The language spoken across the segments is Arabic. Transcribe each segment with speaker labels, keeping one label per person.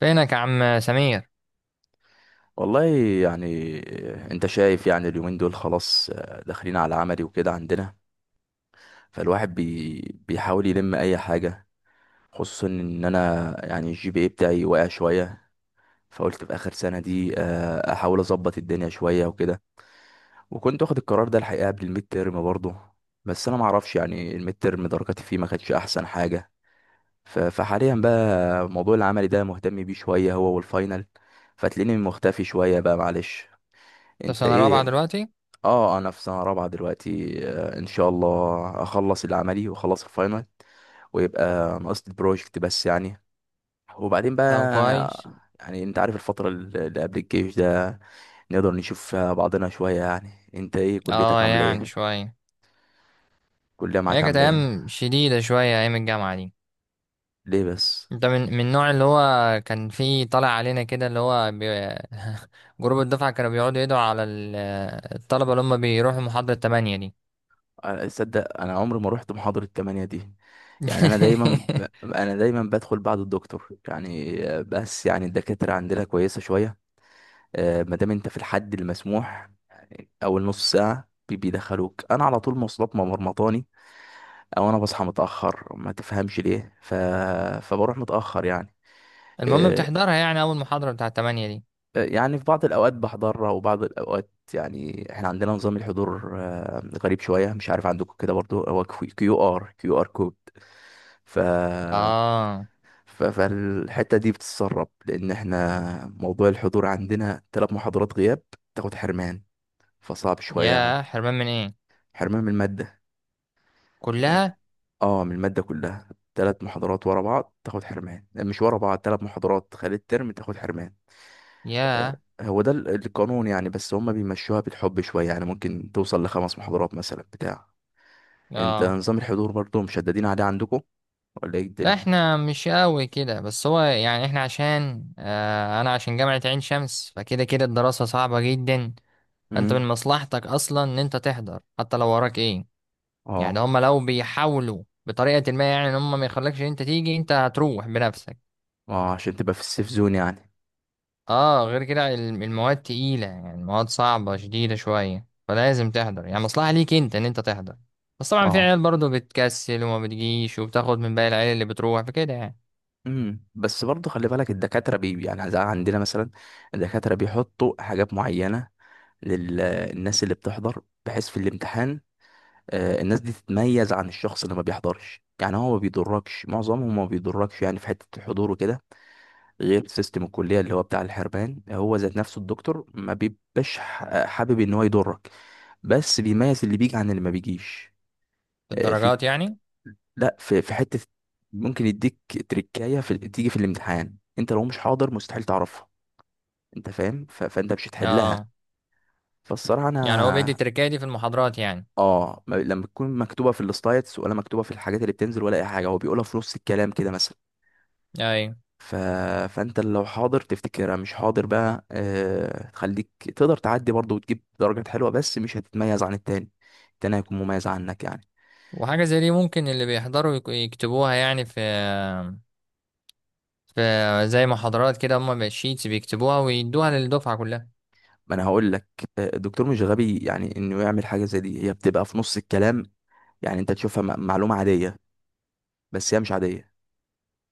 Speaker 1: فينك يا عم سمير؟
Speaker 2: والله. يعني انت شايف، يعني اليومين دول خلاص داخلين على عملي وكده عندنا. فالواحد بيحاول يلم اي حاجة، خصوصا ان انا يعني الجي بي اي بتاعي واقع شوية. فقلت في اخر سنة دي احاول اظبط الدنيا شوية وكده. وكنت واخد القرار ده الحقيقة قبل الميد تيرم برضه، بس انا معرفش يعني الميد تيرم درجاتي فيه ما كانتش احسن حاجة. ف- فحاليا بقى موضوع العملي ده مهتم بيه شوية، هو والفاينل. فتلاقيني مختفي شوية بقى، معلش.
Speaker 1: انت في
Speaker 2: انت
Speaker 1: سنة رابعة
Speaker 2: ايه؟
Speaker 1: دلوقتي؟
Speaker 2: اه انا في سنه رابعه دلوقتي، ان شاء الله اخلص العملي واخلص الفاينل، ويبقى ناقص البروجكت بس يعني. وبعدين
Speaker 1: طب
Speaker 2: بقى
Speaker 1: كويس.
Speaker 2: يعني انت عارف الفتره اللي قبل الجيش ده نقدر نشوف فيها بعضنا شويه. يعني انت ايه، كليتك
Speaker 1: اه
Speaker 2: عامله
Speaker 1: يعني
Speaker 2: ايه؟
Speaker 1: شوية.
Speaker 2: الكليه معاك
Speaker 1: هي كانت
Speaker 2: عامله ايه؟
Speaker 1: أيام شديدة شوية أيام الجامعة دي.
Speaker 2: ليه بس؟
Speaker 1: انت من النوع اللي هو كان فيه طالع علينا كده اللي هو جروب الدفعة كانوا بيقعدوا يدعوا على الطلبة اللي هم بيروحوا محاضرة تمانية دي.
Speaker 2: تصدق انا عمري ما رحت محاضره 8 دي. يعني انا دايما بدخل بعد الدكتور يعني، بس يعني الدكاتره عندنا كويسه شويه. ما دام انت في الحد المسموح، اول نص ساعه بيدخلوك. انا على طول مواصلات ما مرمطاني، او انا بصحى متاخر ما تفهمش ليه فبروح متاخر يعني.
Speaker 1: المهم
Speaker 2: إيه.
Speaker 1: بتحضرها يعني أول محاضرة بتاعة تمانية دي؟
Speaker 2: يعني في بعض الاوقات بحضرها وبعض الاوقات يعني احنا عندنا نظام الحضور غريب شويه، مش عارف عندكم كده برضو هو. كيو ار كود. ف
Speaker 1: اه.
Speaker 2: فالحته دي بتتسرب، لان احنا موضوع الحضور عندنا ثلاث محاضرات غياب تاخد حرمان، فصعب شويه يعني.
Speaker 1: يا حرمان من ايه؟
Speaker 2: حرمان من الماده.
Speaker 1: كلها؟
Speaker 2: اه من المادة كلها. ثلاث محاضرات ورا بعض تاخد حرمان، مش ورا بعض، ثلاث محاضرات خلال الترم تاخد حرمان.
Speaker 1: يا
Speaker 2: هو ده القانون يعني، بس هما بيمشوها بالحب شوية، يعني ممكن توصل لخمس محاضرات مثلا بتاع. انت
Speaker 1: اه،
Speaker 2: نظام الحضور برضو مشددين عليه عندكم، ولا ايه
Speaker 1: لا
Speaker 2: الدنيا؟
Speaker 1: احنا مش قوي كده، بس هو يعني احنا عشان اه انا عشان جامعة عين شمس فكده كده الدراسة صعبة جدا. انت من
Speaker 2: امم
Speaker 1: مصلحتك اصلا ان انت تحضر حتى لو وراك ايه. يعني
Speaker 2: اه.
Speaker 1: هم لو بيحاولوا بطريقة ما يعني ان هم ما يخلكش ان انت تيجي، انت هتروح بنفسك.
Speaker 2: اه عشان تبقى في السيف زون يعني.
Speaker 1: اه غير كده المواد تقيلة، يعني المواد صعبة شديدة شوية، فلازم تحضر يعني مصلحة ليك انت ان انت تحضر. بس طبعا في
Speaker 2: اه.
Speaker 1: عيال برضه بتكسل وما بتجيش وبتاخد من باقي العيال اللي بتروح، فكده يعني.
Speaker 2: بس برضو خلي بالك الدكاترة يعني زي عندنا مثلا، الدكاترة بيحطوا حاجات معينة للناس اللي بتحضر، بحيث في الامتحان الناس دي تتميز عن الشخص اللي ما بيحضرش. يعني هو ما بيضركش، معظمهم ما بيضركش يعني في حتة الحضور وكده، غير سيستم الكلية اللي هو بتاع الحرمان. هو ذات نفسه الدكتور ما بيبقاش حابب ان هو يضرك، بس بيميز اللي بيجي عن اللي ما بيجيش. في،
Speaker 1: الدرجات يعني؟
Speaker 2: لا في حتة ممكن يديك تريكاية في، تيجي في الامتحان انت لو مش حاضر مستحيل تعرفها، انت فاهم؟ فانت مش
Speaker 1: اه.
Speaker 2: هتحلها. فالصراحة
Speaker 1: يعني هو بيدي
Speaker 2: انا.
Speaker 1: التركية دي في المحاضرات يعني؟
Speaker 2: اه لما تكون مكتوبه في السلايدز، ولا مكتوبه في الحاجات اللي بتنزل، ولا اي حاجه هو بيقولها في نص الكلام كده مثلا.
Speaker 1: ايوه.
Speaker 2: ف... فانت لو حاضر تفتكرها، مش حاضر بقى تخليك تقدر تعدي برضه وتجيب درجات حلوه، بس مش هتتميز عن التاني. التاني هيكون مميز عنك يعني.
Speaker 1: وحاجة زي دي ممكن اللي بيحضروا يكتبوها يعني في في زي محاضرات كده هما بالشيتس بيكتبوها ويدوها للدفعة كلها؟
Speaker 2: ما انا هقول لك، الدكتور مش غبي يعني انه يعمل حاجه زي دي، هي بتبقى في نص الكلام، يعني انت تشوفها معلومه عاديه، بس هي مش عاديه.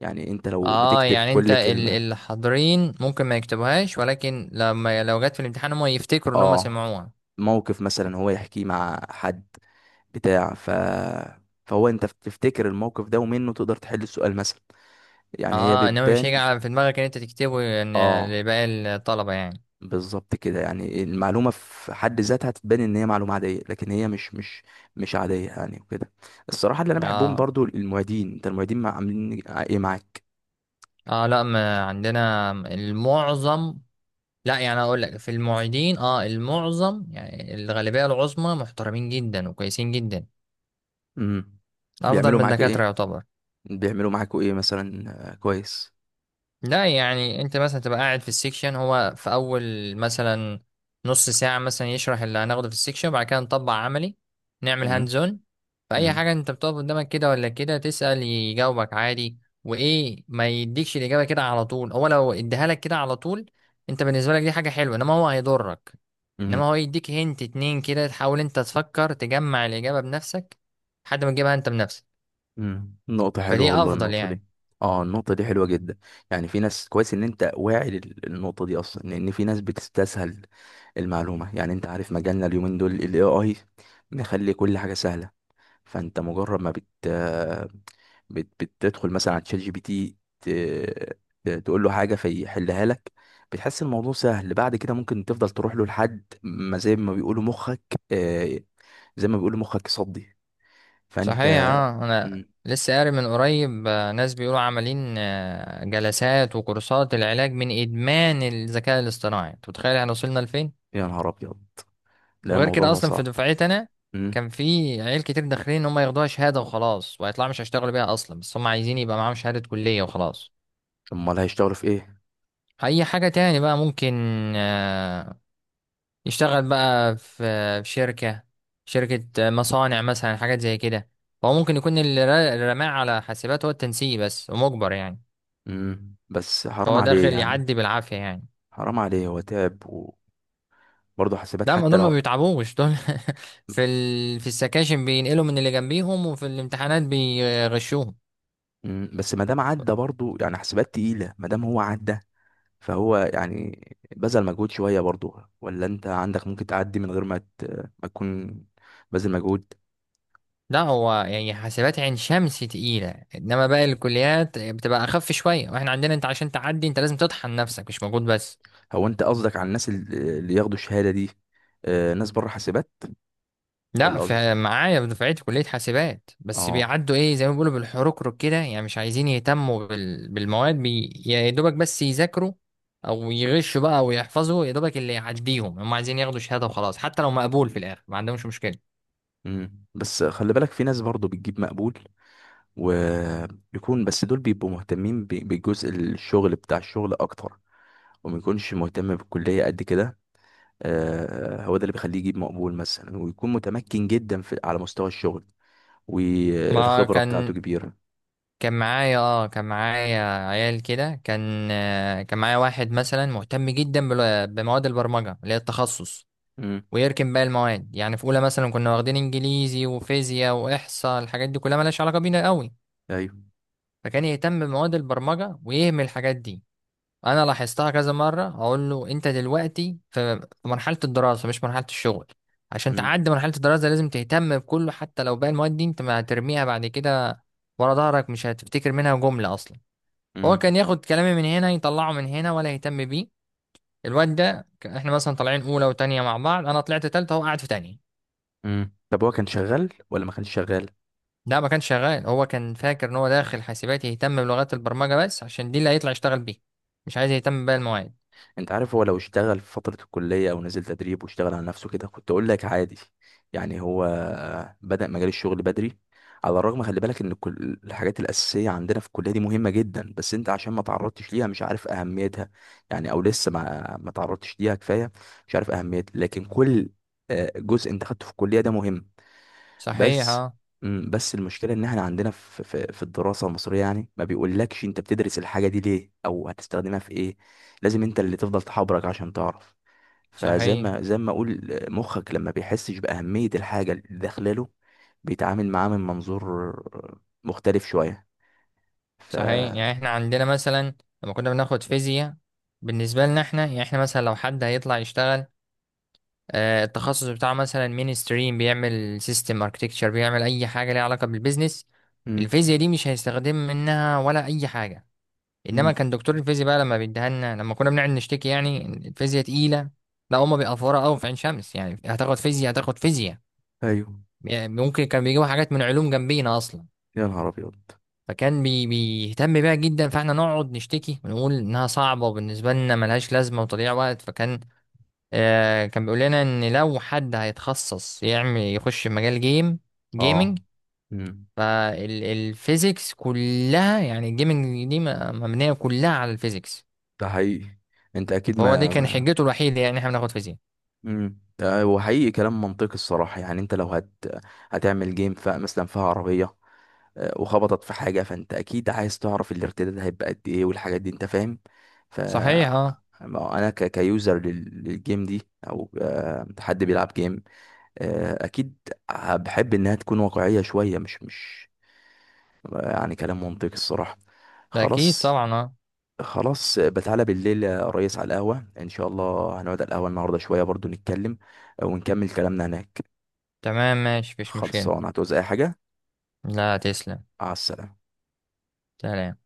Speaker 2: يعني انت لو
Speaker 1: اه
Speaker 2: بتكتب
Speaker 1: يعني انت
Speaker 2: كل كلمه.
Speaker 1: اللي حاضرين ممكن ما يكتبوهاش، ولكن لما لو جت في الامتحان هما يفتكروا ان هما
Speaker 2: اه
Speaker 1: سمعوها.
Speaker 2: موقف مثلا هو يحكيه مع حد بتاع، فهو انت بتفتكر الموقف ده ومنه تقدر تحل السؤال مثلا. يعني هي
Speaker 1: اه انما مش هيجي
Speaker 2: بتبان.
Speaker 1: في دماغك ان انت تكتبه يعني
Speaker 2: اه
Speaker 1: لباقي الطلبة يعني.
Speaker 2: بالظبط كده. يعني المعلومة في حد ذاتها تبان ان هي معلومة عادية، لكن هي مش عادية يعني وكده. الصراحة اللي انا بحبهم
Speaker 1: اه.
Speaker 2: برضو المعيدين. انت المعيدين عاملين ايه معاك؟
Speaker 1: اه لا ما عندنا المعظم، لا يعني اقول لك في المعيدين اه المعظم يعني الغالبيه العظمى محترمين جدا وكويسين جدا.
Speaker 2: امم
Speaker 1: افضل
Speaker 2: بيعملوا
Speaker 1: من
Speaker 2: معاك ايه؟
Speaker 1: الدكاتره يعتبر.
Speaker 2: بيعملوا معاكوا ايه مثلا؟ كويس.
Speaker 1: لا يعني انت مثلا تبقى قاعد في السيكشن، هو في اول مثلا نص ساعة مثلا يشرح اللي هناخده في السيكشن وبعد كده نطبق عملي، نعمل
Speaker 2: امم
Speaker 1: هاند زون. فأي حاجة انت بتقف قدامك كده ولا كده تسأل يجاوبك عادي. وايه، ما يديكش الإجابة كده على طول، هو لو اديها لك كده على طول انت بالنسبة لك دي حاجة حلوة، انما هو هيضرك.
Speaker 2: امم
Speaker 1: انما هو يديك هنت اتنين كده تحاول انت تفكر تجمع الإجابة بنفسك، لحد ما تجيبها انت بنفسك.
Speaker 2: امم. نقطة حلوة
Speaker 1: فدي
Speaker 2: والله
Speaker 1: افضل
Speaker 2: النقطة
Speaker 1: يعني.
Speaker 2: دي. اه النقطة دي حلوة جدا. يعني في ناس، كويس ان انت واعي للنقطة دي اصلا، لان في ناس بتستسهل المعلومة. يعني انت عارف مجالنا اليومين دول ال AI مخلي كل حاجة سهلة. فانت مجرد ما بت بت بتدخل مثلا على تشات جي بي تي، تقول له حاجة فيحلها لك، بتحس الموضوع سهل. بعد كده ممكن تفضل تروح له لحد ما زي ما بيقولوا مخك آه، زي ما بيقولوا مخك صدي. فانت.
Speaker 1: صحيح اه. انا
Speaker 2: مم،
Speaker 1: لسه قاري من قريب ناس بيقولوا عاملين جلسات وكورسات العلاج من ادمان الذكاء الاصطناعي. انت متخيل احنا وصلنا لفين؟
Speaker 2: يا نهار ابيض. لا
Speaker 1: وغير
Speaker 2: الموضوع
Speaker 1: كده
Speaker 2: بقى
Speaker 1: اصلا في
Speaker 2: صعب.
Speaker 1: دفعتي انا
Speaker 2: امم.
Speaker 1: كان في عيال كتير داخلين ان هم ياخدوها شهاده وخلاص، وهيطلعوا مش هيشتغلوا بيها اصلا، بس هم عايزين يبقى معاهم شهاده كليه وخلاص.
Speaker 2: امال هيشتغلوا في ايه؟
Speaker 1: اي حاجه تاني بقى ممكن آه، يشتغل بقى في في شركه، شركه مصانع مثلا، حاجات زي كده. فهو ممكن يكون اللي اللي رماه على حاسبات هو التنسيق بس ومجبر يعني.
Speaker 2: بس حرام
Speaker 1: فهو
Speaker 2: عليه
Speaker 1: داخل
Speaker 2: يعني.
Speaker 1: يعدي بالعافية يعني.
Speaker 2: حرام عليه، هو تعب. وبرضه حاسبات
Speaker 1: ده ما
Speaker 2: حتى
Speaker 1: دول ما
Speaker 2: لو.
Speaker 1: بيتعبوش دول. في في السكاشن بينقلوا من اللي جنبيهم، وفي الامتحانات بيغشوهم.
Speaker 2: بس ما دام عدى برضه، يعني حاسبات تقيلة، ما دام هو عدى فهو يعني بذل مجهود شوية برضه. ولا انت عندك ممكن تعدي من غير ما ما تكون بذل مجهود؟
Speaker 1: لا هو يعني حاسبات عين شمس تقيلة، انما باقي الكليات بتبقى اخف شوية، واحنا عندنا انت عشان تعدي انت لازم تطحن نفسك، مش مجهود بس.
Speaker 2: هو انت قصدك على الناس اللي ياخدوا الشهادة دي، ناس بره حاسبات،
Speaker 1: لا
Speaker 2: ولا قصدك؟
Speaker 1: في معايا في دفعتي كلية حاسبات بس
Speaker 2: اه.
Speaker 1: بيعدوا ايه زي ما بيقولوا بالحركرك كده يعني، مش عايزين يهتموا بالمواد يا دوبك بس يذاكروا او يغشوا بقى او يحفظوا يا دوبك اللي يعديهم، هم عايزين ياخدوا شهادة وخلاص، حتى لو مقبول في الاخر ما عندهمش مشكلة.
Speaker 2: بس خلي بالك في ناس برضه بتجيب مقبول، ويكون بس دول بيبقوا مهتمين بالجزء الشغل بتاع الشغل اكتر، وما يكونش مهتم بالكلية قد كده. هو ده اللي بيخليه يجيب مقبول مثلا، ويكون متمكن جدا في على مستوى الشغل،
Speaker 1: ما
Speaker 2: والخبرة بتاعته
Speaker 1: كان
Speaker 2: كبيرة.
Speaker 1: كان معايا اه كان معايا عيال كده، كان كان معايا واحد مثلا مهتم جدا بمواد البرمجة اللي هي التخصص،
Speaker 2: امم.
Speaker 1: ويركن باقي المواد يعني. في اولى مثلا كنا واخدين انجليزي وفيزياء واحصاء، الحاجات دي كلها ملهاش علاقه بينا قوي.
Speaker 2: ايوه.
Speaker 1: فكان يهتم بمواد البرمجه ويهمل الحاجات دي. انا لاحظتها كذا مره، اقول له انت دلوقتي في في مرحله الدراسه مش مرحله الشغل، عشان
Speaker 2: امم
Speaker 1: تعدي مرحله الدراسه لازم تهتم بكله، حتى لو باقي المواد دي انت ما هترميها بعد كده ورا ظهرك، مش هتفتكر منها جمله اصلا. هو كان
Speaker 2: امم
Speaker 1: ياخد كلامي من هنا يطلعه من هنا ولا يهتم بيه. الواد ده احنا مثلا طالعين اولى وتانية مع بعض، انا طلعت تالتة هو قاعد في تانية.
Speaker 2: امم. طب هو كان شغال ولا ما كانش شغال؟
Speaker 1: لا ما كانش شغال، هو كان فاكر ان هو داخل حاسبات يهتم بلغات البرمجة بس عشان دي اللي هيطلع يشتغل بيها، مش عايز يهتم باقي المواد.
Speaker 2: انت عارف هو لو اشتغل في فترة الكلية، او نزل تدريب واشتغل على نفسه كده، كنت اقول لك عادي، يعني هو بدأ مجال الشغل بدري. على الرغم، خلي بالك ان كل الحاجات الأساسية عندنا في الكلية دي مهمة جدا، بس انت عشان ما تعرضتش ليها مش عارف أهميتها. يعني او لسه ما تعرضتش ليها كفاية، مش عارف أهميتها. لكن كل جزء انت خدته في الكلية ده مهم.
Speaker 1: صحيح
Speaker 2: بس
Speaker 1: اه.
Speaker 2: بس المشكله ان احنا عندنا في الدراسه المصريه يعني ما بيقولكش انت بتدرس الحاجه دي ليه، او هتستخدمها في ايه. لازم انت اللي تفضل تحبرك عشان تعرف. فزي ما
Speaker 1: صحيح.
Speaker 2: زي ما اقول مخك لما بيحسش باهميه الحاجه اللي داخله له، بيتعامل معاها من منظور مختلف شويه. ف.
Speaker 1: صحيح يعني احنا عندنا مثلا لما كنا بناخد فيزياء، بالنسبة لنا احنا يعني، احنا مثلا لو حد هيطلع يشتغل آه التخصص بتاعه مثلا مين ستريم، بيعمل سيستم اركتكتشر، بيعمل اي حاجة ليها علاقة بالبيزنس،
Speaker 2: مم.
Speaker 1: الفيزياء دي مش هيستخدم منها ولا اي حاجة. انما
Speaker 2: مم.
Speaker 1: كان دكتور الفيزياء بقى لما بيديها لنا، لما كنا بنقعد نشتكي يعني إن الفيزياء تقيله، لا هما بيقفوها قوي في عين شمس يعني، هتاخد فيزياء هتاخد فيزياء،
Speaker 2: ايوه.
Speaker 1: يعني ممكن كان بيجيبوا حاجات من علوم جنبينا اصلا.
Speaker 2: يا نهار ابيض.
Speaker 1: فكان بيهتم بيها جدا، فاحنا نقعد نشتكي ونقول انها صعبه وبالنسبه لنا ملهاش لازمه وتضيع وقت. فكان آه كان بيقول لنا ان لو حد هيتخصص يعمل، يخش مجال جيم، جيمنج.
Speaker 2: اه. مم.
Speaker 1: فالفيزيكس كلها يعني، الجيمنج دي مبنيه كلها على الفيزيكس.
Speaker 2: ده حقيقي. انت اكيد
Speaker 1: فهو دي كان
Speaker 2: ما.
Speaker 1: حجته الوحيدة يعني احنا بناخد فيزياء.
Speaker 2: امم. وحقيقي كلام منطقي الصراحة. يعني انت لو هتعمل جيم مثلا فيها عربية وخبطت في حاجة، فانت اكيد عايز تعرف الارتداد هيبقى قد ايه، والحاجات دي انت فاهم. ف.
Speaker 1: صحيح اه.
Speaker 2: ما انا كيوزر للجيم دي، او حد بيلعب جيم، اكيد بحب انها تكون واقعية شوية، مش مش يعني كلام منطقي الصراحة.
Speaker 1: ده اكيد
Speaker 2: خلاص.
Speaker 1: طبعا اه.
Speaker 2: خلاص بتعالى بالليل يا ريس على القهوة، إن شاء الله هنقعد على القهوة النهاردة شوية برضو نتكلم، ونكمل كلامنا هناك.
Speaker 1: تمام ماشي مفيش مشكلة.
Speaker 2: خلصان، هتعوز أي حاجة؟
Speaker 1: لا تسلم.
Speaker 2: مع السلامة.
Speaker 1: سلام.